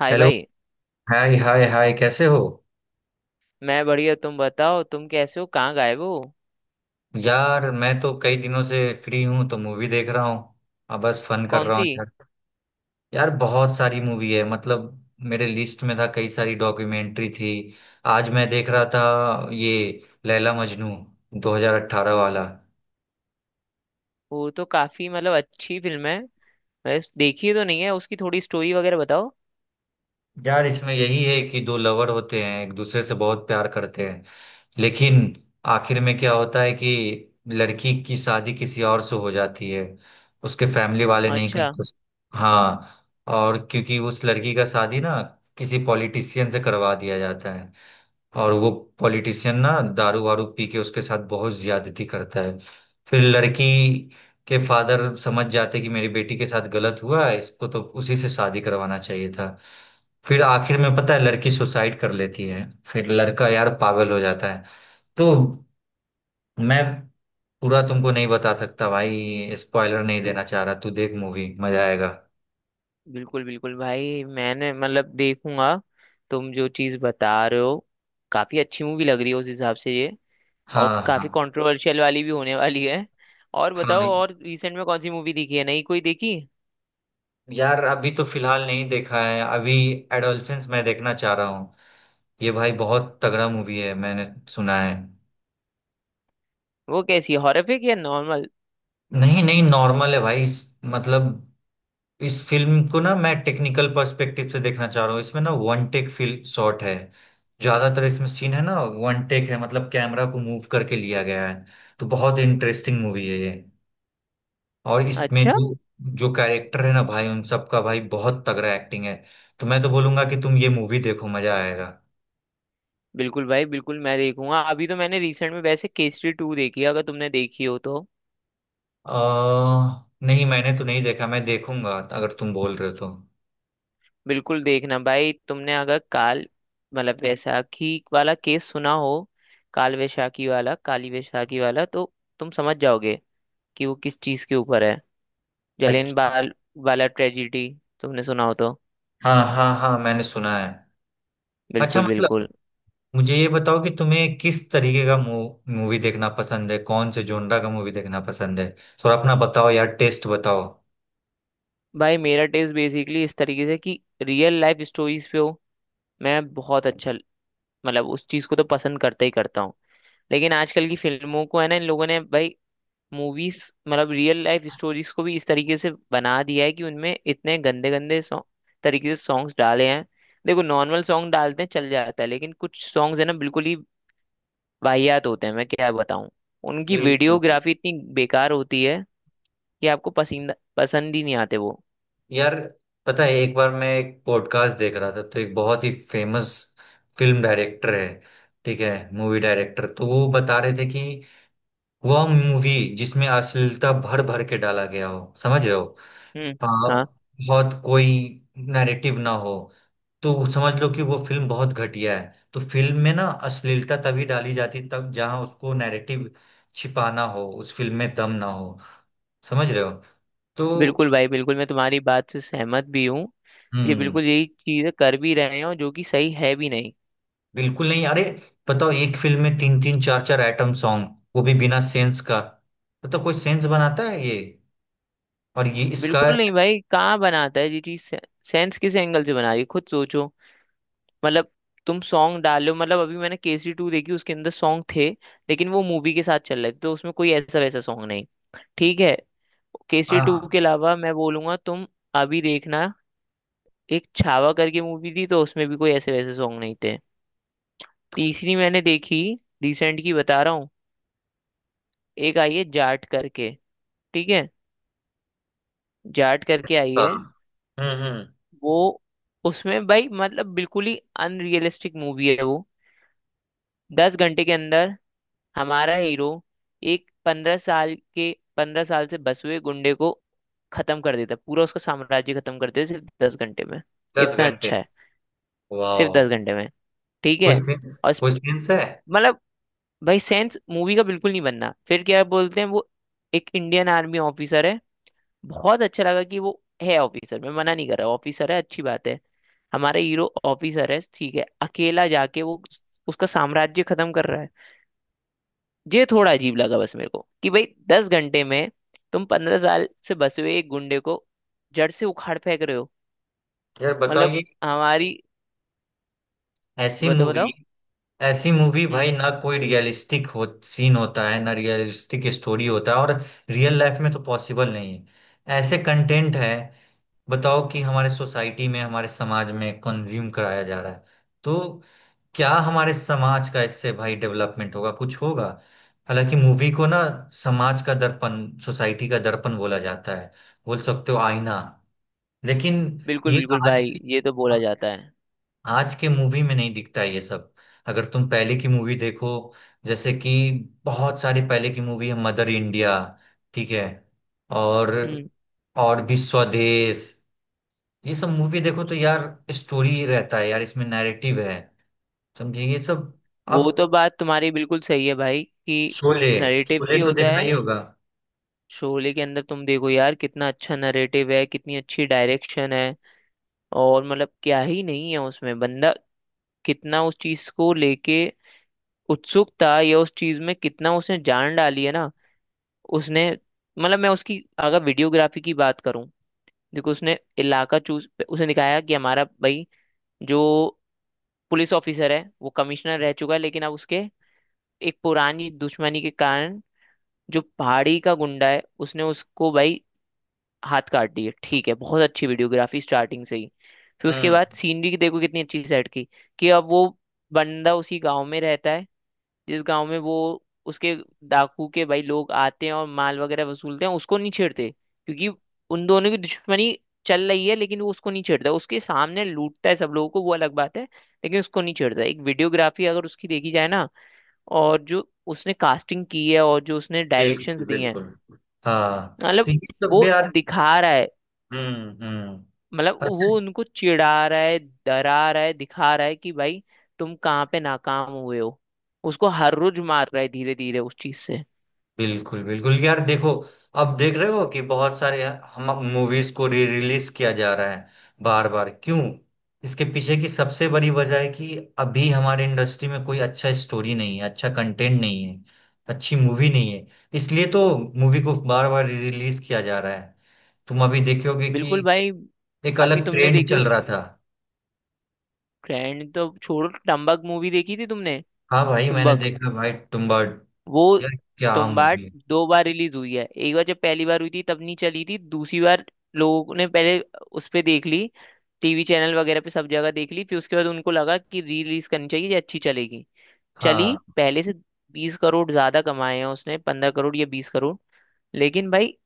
हाय hello. भाई। Hi hi hi, कैसे हो? मैं बढ़िया, तुम बताओ, तुम कैसे हो? कहाँ गायब हो? यार मैं तो कई दिनों से फ्री हूँ तो मूवी देख रहा हूँ। अब बस फन कर कौन रहा हूँ सी? यार। यार बहुत सारी मूवी है, मतलब मेरे लिस्ट में था कई सारी डॉक्यूमेंट्री थी। आज मैं देख रहा था ये लैला मजनू 2018 वाला। वो तो काफी मतलब अच्छी फिल्म है। मैं देखी तो नहीं है, उसकी थोड़ी स्टोरी वगैरह बताओ। यार इसमें यही है कि दो लवर होते हैं, एक दूसरे से बहुत प्यार करते हैं। लेकिन आखिर में क्या होता है कि लड़की की शादी किसी और से हो जाती है। उसके फैमिली वाले नहीं अच्छा। करते हाँ। और क्योंकि उस लड़की का शादी ना किसी पॉलिटिशियन से करवा दिया जाता है। और वो पॉलिटिशियन ना दारू वारू पी के उसके साथ बहुत ज्यादती करता है। फिर लड़की के फादर समझ जाते कि मेरी बेटी के साथ गलत हुआ है, इसको तो उसी से शादी करवाना चाहिए था। फिर आखिर में पता है, लड़की सुसाइड कर लेती है, फिर लड़का यार पागल हो जाता है। तो मैं पूरा तुमको नहीं बता सकता भाई, स्पॉइलर नहीं देना चाह रहा। तू देख मूवी, मजा आएगा। बिल्कुल बिल्कुल भाई, मैंने मतलब देखूंगा। तुम जो चीज बता रहे हो काफी अच्छी मूवी लग रही है उस हिसाब से ये। और हाँ काफी हाँ कंट्रोवर्शियल वाली भी होने वाली है। और बताओ, हाँ। और रिसेंट में कौन सी मूवी देखी है? नई कोई देखी? यार अभी तो फिलहाल नहीं देखा है। अभी एडोलसेंस मैं देखना चाह रहा हूँ। ये भाई बहुत तगड़ा मूवी है, मैंने सुना है। वो कैसी है, हॉरर या नॉर्मल? नहीं नहीं, नॉर्मल है भाई। मतलब इस फिल्म को ना मैं टेक्निकल पर्सपेक्टिव से देखना चाह रहा हूँ। इसमें ना वन टेक फिल्म शॉट है, ज्यादातर इसमें सीन है ना वन टेक है, मतलब कैमरा को मूव करके लिया गया है। तो बहुत इंटरेस्टिंग मूवी है ये। और इसमें अच्छा। जो जो कैरेक्टर है ना भाई, उन सबका भाई बहुत तगड़ा एक्टिंग है। तो मैं तो बोलूंगा कि तुम ये मूवी देखो, मजा आएगा। बिल्कुल भाई बिल्कुल, मैं देखूंगा। अभी तो मैंने रिसेंट में वैसे केसरी 2 देखी है, अगर तुमने देखी हो तो। अ नहीं, मैंने तो नहीं देखा, मैं देखूंगा अगर तुम बोल रहे हो तो। बिल्कुल देखना भाई, तुमने अगर काल मतलब वैशाखी वाला केस सुना हो, काल वैशाखी वाला, काली वैशाखी वाला, तो तुम समझ जाओगे कि वो किस चीज के ऊपर है। जलियन अच्छा। वाला वाला ट्रेजिडी तुमने सुना हो तो। हाँ हाँ हाँ, मैंने सुना है। अच्छा, बिल्कुल बिल्कुल। मतलब मुझे ये बताओ कि तुम्हें किस तरीके का मूवी देखना पसंद है, कौन से जोनरा का मूवी देखना पसंद है? थोड़ा अपना बताओ यार, टेस्ट बताओ। भाई मेरा टेस्ट बेसिकली इस तरीके से कि रियल लाइफ स्टोरीज पे हो, मैं बहुत अच्छा मतलब उस चीज को तो पसंद करता ही करता हूँ। लेकिन आजकल की फिल्मों को है ना, इन लोगों ने भाई मूवीज मतलब रियल लाइफ स्टोरीज को भी इस तरीके से बना दिया है कि उनमें इतने गंदे गंदे सॉन्ग तरीके से सॉन्ग्स डाले हैं। देखो, नॉर्मल सॉन्ग डालते हैं चल जाता है, लेकिन कुछ सॉन्ग्स है ना बिल्कुल ही वाहियात होते हैं, मैं क्या बताऊं। उनकी बिल्कुल। वीडियोग्राफी इतनी बेकार होती है कि आपको पसंद पसंद ही नहीं आते वो। यार पता है, एक बार मैं एक पॉडकास्ट देख रहा था तो एक बहुत ही फेमस फिल्म डायरेक्टर है, ठीक है मूवी डायरेक्टर, तो वो बता रहे थे कि वह मूवी जिसमें अश्लीलता भर भर के डाला गया हो, समझ रहे हो? हम्म। हाँ। हाँ। बहुत कोई नैरेटिव ना हो तो समझ लो कि वो फिल्म बहुत घटिया है। तो फिल्म में ना अश्लीलता तभी डाली जाती तब जहां उसको नैरेटिव छिपाना हो, उस फिल्म में दम ना हो। समझ रहे हो? तो बिल्कुल भाई बिल्कुल, मैं तुम्हारी बात से सहमत भी हूँ। ये हम्म। बिल्कुल यही चीजें कर भी रहे हैं, और जो कि सही है भी नहीं। बिल्कुल नहीं, अरे बताओ, एक फिल्म में तीन तीन चार चार आइटम सॉन्ग, वो भी बिना सेंस का। बताओ कोई सेंस बनाता है ये? और ये इसका बिल्कुल नहीं भाई, कहाँ बनाता है ये चीज, सेंस किस एंगल से बना रही है, खुद सोचो। मतलब तुम सॉन्ग डालो, मतलब अभी मैंने केसरी 2 देखी, उसके अंदर सॉन्ग थे लेकिन वो मूवी के साथ चल रहे थे, तो उसमें कोई ऐसा वैसा सॉन्ग नहीं, ठीक है। केसरी आ, टू के अलावा मैं बोलूंगा तुम अभी देखना, एक छावा करके मूवी थी, तो उसमें भी कोई ऐसे वैसे सॉन्ग नहीं थे। तीसरी मैंने देखी, रिसेंट की बता रहा हूँ, एक आई है जाट करके, ठीक है, जाट करके आई आ, है। हम्म। वो, उसमें भाई मतलब बिल्कुल ही अनरियलिस्टिक मूवी है वो। 10 घंटे के अंदर हमारा हीरो एक 15 साल के, 15 साल से बस हुए गुंडे को खत्म कर देता है, पूरा उसका साम्राज्य खत्म कर देता है सिर्फ 10 घंटे में। दस इतना घंटे अच्छा है। सिर्फ वाह। दस घंटे में, ठीक है। कोई सेंस, और कोई सेंस है? मतलब भाई सेंस मूवी का बिल्कुल नहीं बनना, फिर क्या बोलते हैं वो, एक इंडियन आर्मी ऑफिसर है। बहुत अच्छा लगा कि वो है ऑफिसर, मैं मना नहीं कर रहा, ऑफिसर है अच्छी बात है, हमारा हीरो ऑफिसर है, ठीक है, अकेला जाके वो उसका साम्राज्य खत्म कर रहा है। ये थोड़ा अजीब लगा बस मेरे को कि भाई 10 घंटे में तुम 15 साल से बसे हुए एक गुंडे को जड़ से उखाड़ फेंक रहे हो। यार बताओ मतलब ये हमारी, ऐसी बताओ मूवी, बताओ। ऐसी मूवी हम्म। भाई ना कोई रियलिस्टिक हो सीन होता है ना रियलिस्टिक स्टोरी होता है। और रियल लाइफ में तो पॉसिबल नहीं है ऐसे कंटेंट है। बताओ कि हमारे सोसाइटी में हमारे समाज में कंज्यूम कराया जा रहा है। तो क्या हमारे समाज का इससे भाई डेवलपमेंट होगा, कुछ होगा? हालांकि मूवी को ना समाज का दर्पण, सोसाइटी का दर्पण बोला जाता है, बोल सकते हो आईना। लेकिन बिल्कुल ये बिल्कुल आज भाई, की, ये तो बोला जाता है। आज के मूवी में नहीं दिखता ये सब। अगर तुम पहले की मूवी देखो, जैसे कि बहुत सारी पहले की मूवी है, मदर इंडिया, ठीक है, और हम्म। और भी स्वदेश, ये सब मूवी देखो तो यार स्टोरी रहता है, यार इसमें नैरेटिव है। समझे ये सब? वो अब तो बात तुम्हारी बिल्कुल सही है भाई कि शोले, नरेटिव शोले भी तो होता देखा है। ही होगा। शोले के अंदर तुम देखो यार कितना अच्छा नरेटिव है, कितनी अच्छी डायरेक्शन है, और मतलब क्या ही नहीं है उसमें। बंदा कितना उस चीज को लेके उत्सुक था, या उस चीज में कितना उसने जान डाली है ना, उसने मतलब मैं उसकी अगर वीडियोग्राफी की बात करूं, देखो उसने इलाका चूज, उसने दिखाया कि हमारा भाई जो पुलिस ऑफिसर है वो कमिश्नर रह चुका है लेकिन अब उसके एक पुरानी दुश्मनी के कारण, जो पहाड़ी का गुंडा है उसने उसको भाई हाथ काट दिए, ठीक है। बहुत अच्छी वीडियोग्राफी स्टार्टिंग से ही। फिर उसके बाद हम्म। सीनरी देखो कितनी अच्छी सेट की कि अब वो बंदा उसी गांव में रहता है, जिस गांव में वो, उसके डाकू के भाई लोग आते हैं और माल वगैरह वसूलते हैं, उसको नहीं छेड़ते क्योंकि उन दोनों की दुश्मनी चल रही है, लेकिन वो उसको नहीं छेड़ता, उसके सामने लूटता है सब लोगों को, वो अलग बात है, लेकिन उसको नहीं छेड़ता। एक वीडियोग्राफी अगर उसकी देखी जाए ना, और जो उसने कास्टिंग की है और जो उसने डायरेक्शंस बिल्कुल दिए हैं, बिल्कुल। हाँ, तो मतलब ये सब भी वो यार। दिखा रहा है, हम्म। मतलब अच्छा। वो उनको चिढ़ा रहा है, डरा रहा है, दिखा रहा है कि भाई तुम कहाँ पे नाकाम हुए हो, उसको हर रोज मार रहा है धीरे धीरे उस चीज से। बिल्कुल बिल्कुल यार देखो, अब देख रहे हो कि बहुत सारे हम मूवीज को री रिलीज किया जा रहा है, बार बार क्यों? इसके पीछे की सबसे बड़ी वजह है कि अभी हमारे इंडस्ट्री में कोई अच्छा स्टोरी नहीं है, अच्छा कंटेंट नहीं है, अच्छी मूवी नहीं है। इसलिए तो मूवी को बार बार री रिलीज किया जा रहा है। तुम अभी देखोगे कि बिल्कुल भाई। एक अभी अलग तुमने ट्रेंड देखी हो, चल रहा था। ट्रेंड तो छोड़ो, टम्बक मूवी देखी थी तुमने? हाँ भाई मैंने टुम्बक, देखा, भाई तुम्बाड़। वो, यार क्या मूवी तुम्बाड है। दो बार रिलीज हुई है, एक बार जब पहली बार हुई थी तब नहीं चली थी, दूसरी बार लोगों ने पहले उस पे देख ली, टीवी चैनल वगैरह पे सब जगह देख ली, फिर उसके बाद उनको लगा कि री रिलीज करनी चाहिए, ये अच्छी चलेगी, चली हाँ, पहले से 20 करोड़ ज्यादा कमाए हैं उसने, 15 करोड़ या 20 करोड़। लेकिन भाई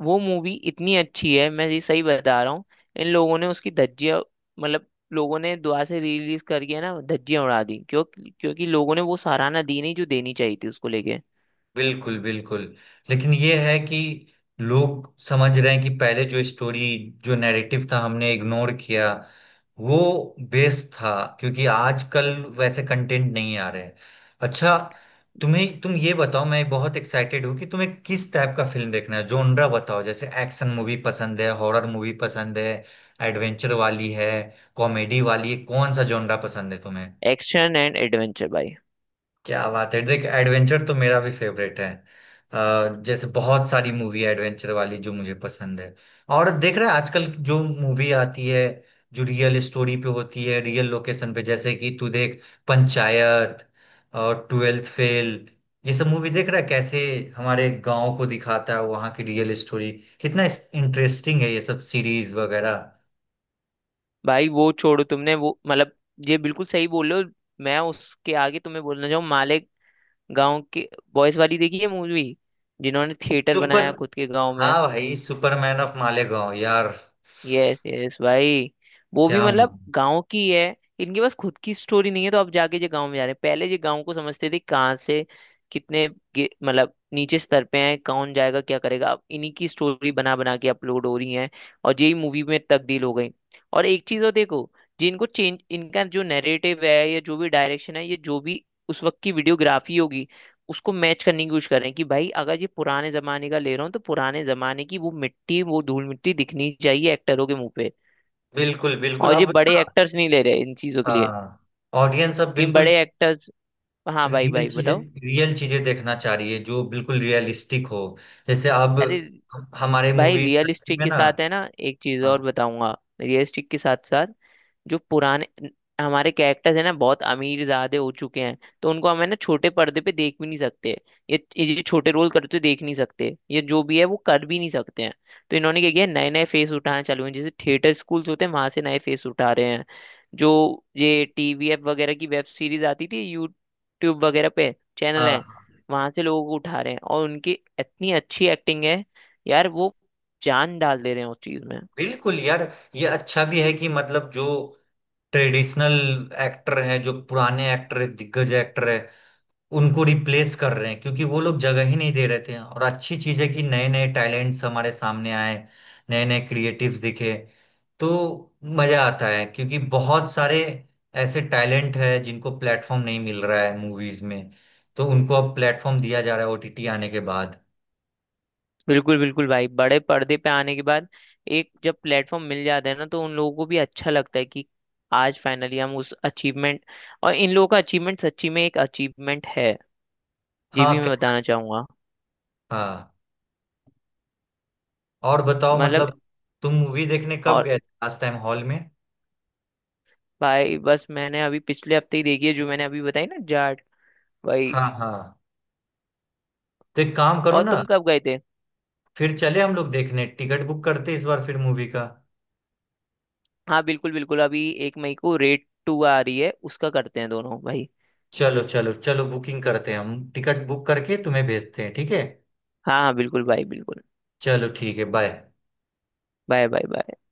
वो मूवी इतनी अच्छी है, मैं ये सही बता रहा हूँ, इन लोगों ने उसकी धज्जियां, मतलब लोगों ने दुआ से रिलीज करके ना धज्जियां उड़ा दी, क्यों? क्योंकि लोगों ने वो सराहना दी नहीं जो देनी चाहिए थी उसको लेके। बिल्कुल बिल्कुल। लेकिन ये है कि लोग समझ रहे हैं कि पहले जो स्टोरी, जो नैरेटिव था हमने इग्नोर किया, वो बेस था, क्योंकि आजकल वैसे कंटेंट नहीं आ रहे हैं। अच्छा, तुम्हें, तुम ये बताओ, मैं बहुत एक्साइटेड हूँ कि तुम्हें किस टाइप का फिल्म देखना है, जोनरा बताओ। जैसे एक्शन मूवी पसंद है, हॉरर मूवी पसंद है, एडवेंचर वाली है, कॉमेडी वाली है, कौन सा जोनरा पसंद है तुम्हें? एक्शन एंड एडवेंचर भाई। क्या बात है, देख एडवेंचर तो मेरा भी फेवरेट है। अ, जैसे बहुत सारी मूवी एडवेंचर वाली जो मुझे पसंद है। और देख रहे हैं आजकल जो मूवी आती है, जो रियल स्टोरी पे होती है, रियल लोकेशन पे, जैसे कि तू देख पंचायत और ट्वेल्थ फेल। ये सब मूवी देख रहा है, कैसे हमारे गांव को दिखाता है, वहाँ की रियल स्टोरी। कितना इंटरेस्टिंग है ये सब सीरीज वगैरह। भाई वो छोड़ो तुमने वो मतलब, ये बिल्कुल सही बोल रहे हो। मैं उसके आगे तुम्हें बोलना चाहूँ, माले गांव के बॉयज वाली देखी है मूवी, जिन्होंने थिएटर सुपर। बनाया खुद के गांव में? हाँ भाई, सुपरमैन ऑफ मालेगांव यार। यस यस भाई, वो भी क्या। मतलब गांव की है। इनके पास खुद की स्टोरी नहीं है तो अब जाके जो गांव में जा रहे हैं, पहले जो गांव को समझते थे कहाँ से, कितने मतलब नीचे स्तर पे हैं, कौन जाएगा क्या करेगा, अब इन्हीं की स्टोरी बना बना के अपलोड हो रही है और यही मूवी में तब्दील हो गई। और एक चीज और देखो, जिनको चेंज इनका जो नैरेटिव है या जो भी डायरेक्शन है, ये जो भी उस वक्त की वीडियोग्राफी होगी उसको मैच करने की कोशिश कर रहे हैं, कि भाई अगर ये पुराने जमाने का ले रहा हूँ तो पुराने जमाने की वो मिट्टी, वो धूल मिट्टी दिखनी चाहिए एक्टरों के मुंह पे। बिल्कुल बिल्कुल और ये अब बड़े ना। एक्टर्स नहीं ले रहे इन चीजों के लिए, हाँ। ऑडियंस अब कि बिल्कुल बड़े एक्टर्स। हाँ भाई रियल भाई चीजें, बताओ। रियल चीजें देखना चाहिए, जो बिल्कुल रियलिस्टिक हो। जैसे अब अरे हमारे भाई मूवी इंडस्ट्री रियलिस्टिक में के ना। साथ है ना, एक चीज और हाँ बताऊंगा, रियलिस्टिक के साथ साथ जो पुराने हमारे कैरेक्टर्स है ना बहुत अमीर ज्यादा हो चुके हैं, तो उनको हम है ना छोटे पर्दे पे देख भी नहीं सकते, ये छोटे रोल करते हुए देख नहीं सकते, ये जो भी है वो कर भी नहीं सकते हैं। तो इन्होंने क्या किया, नए नए फेस उठाना चालू हैं, जैसे थिएटर स्कूल्स होते हैं वहां से नए फेस उठा रहे हैं, जो ये टीवीएफ वगैरह की वेब सीरीज आती थी यूट्यूब वगैरह पे चैनल हाँ है, हाँ। वहां से लोगों को उठा रहे हैं, और उनकी इतनी अच्छी एक्टिंग है यार, वो जान डाल दे रहे हैं उस चीज में। बिल्कुल यार, ये अच्छा भी है कि मतलब जो ट्रेडिशनल एक्टर हैं, जो पुराने एक्टर है, दिग्गज एक्टर है, उनको रिप्लेस कर रहे हैं क्योंकि वो लोग जगह ही नहीं दे रहे थे। और अच्छी चीज है कि नए नए टैलेंट्स हमारे सामने आए, नए नए क्रिएटिव्स दिखे। तो मजा आता है क्योंकि बहुत सारे ऐसे टैलेंट है जिनको प्लेटफॉर्म नहीं मिल रहा है मूवीज में। तो उनको अब प्लेटफॉर्म दिया जा रहा है ओटीटी आने के बाद। बिल्कुल बिल्कुल भाई, बड़े पर्दे पे आने के बाद एक जब प्लेटफॉर्म मिल जाता है ना तो उन लोगों को भी अच्छा लगता है कि आज फाइनली हम उस अचीवमेंट, और इन लोगों का अचीवमेंट सच्ची में एक अचीवमेंट है, ये हाँ भी मैं कैसा। बताना चाहूंगा। हाँ, और बताओ मतलब, मतलब, तुम मूवी देखने कब और गए थे लास्ट टाइम हॉल में? भाई बस मैंने अभी पिछले हफ्ते ही देखी है जो मैंने अभी बताई ना, जाट, भाई। हाँ हाँ, तो एक काम करो और ना, तुम कब गए थे? फिर चले हम लोग देखने, टिकट बुक करते इस बार फिर मूवी का। हाँ बिल्कुल बिल्कुल, अभी 1 मई को रेट 2 आ रही है, उसका करते हैं दोनों भाई। चलो चलो चलो, बुकिंग करते हैं, हम टिकट बुक करके तुम्हें भेजते हैं, ठीक है। हाँ हाँ बिल्कुल भाई बिल्कुल। चलो, ठीक है, बाय। Bye bye bye.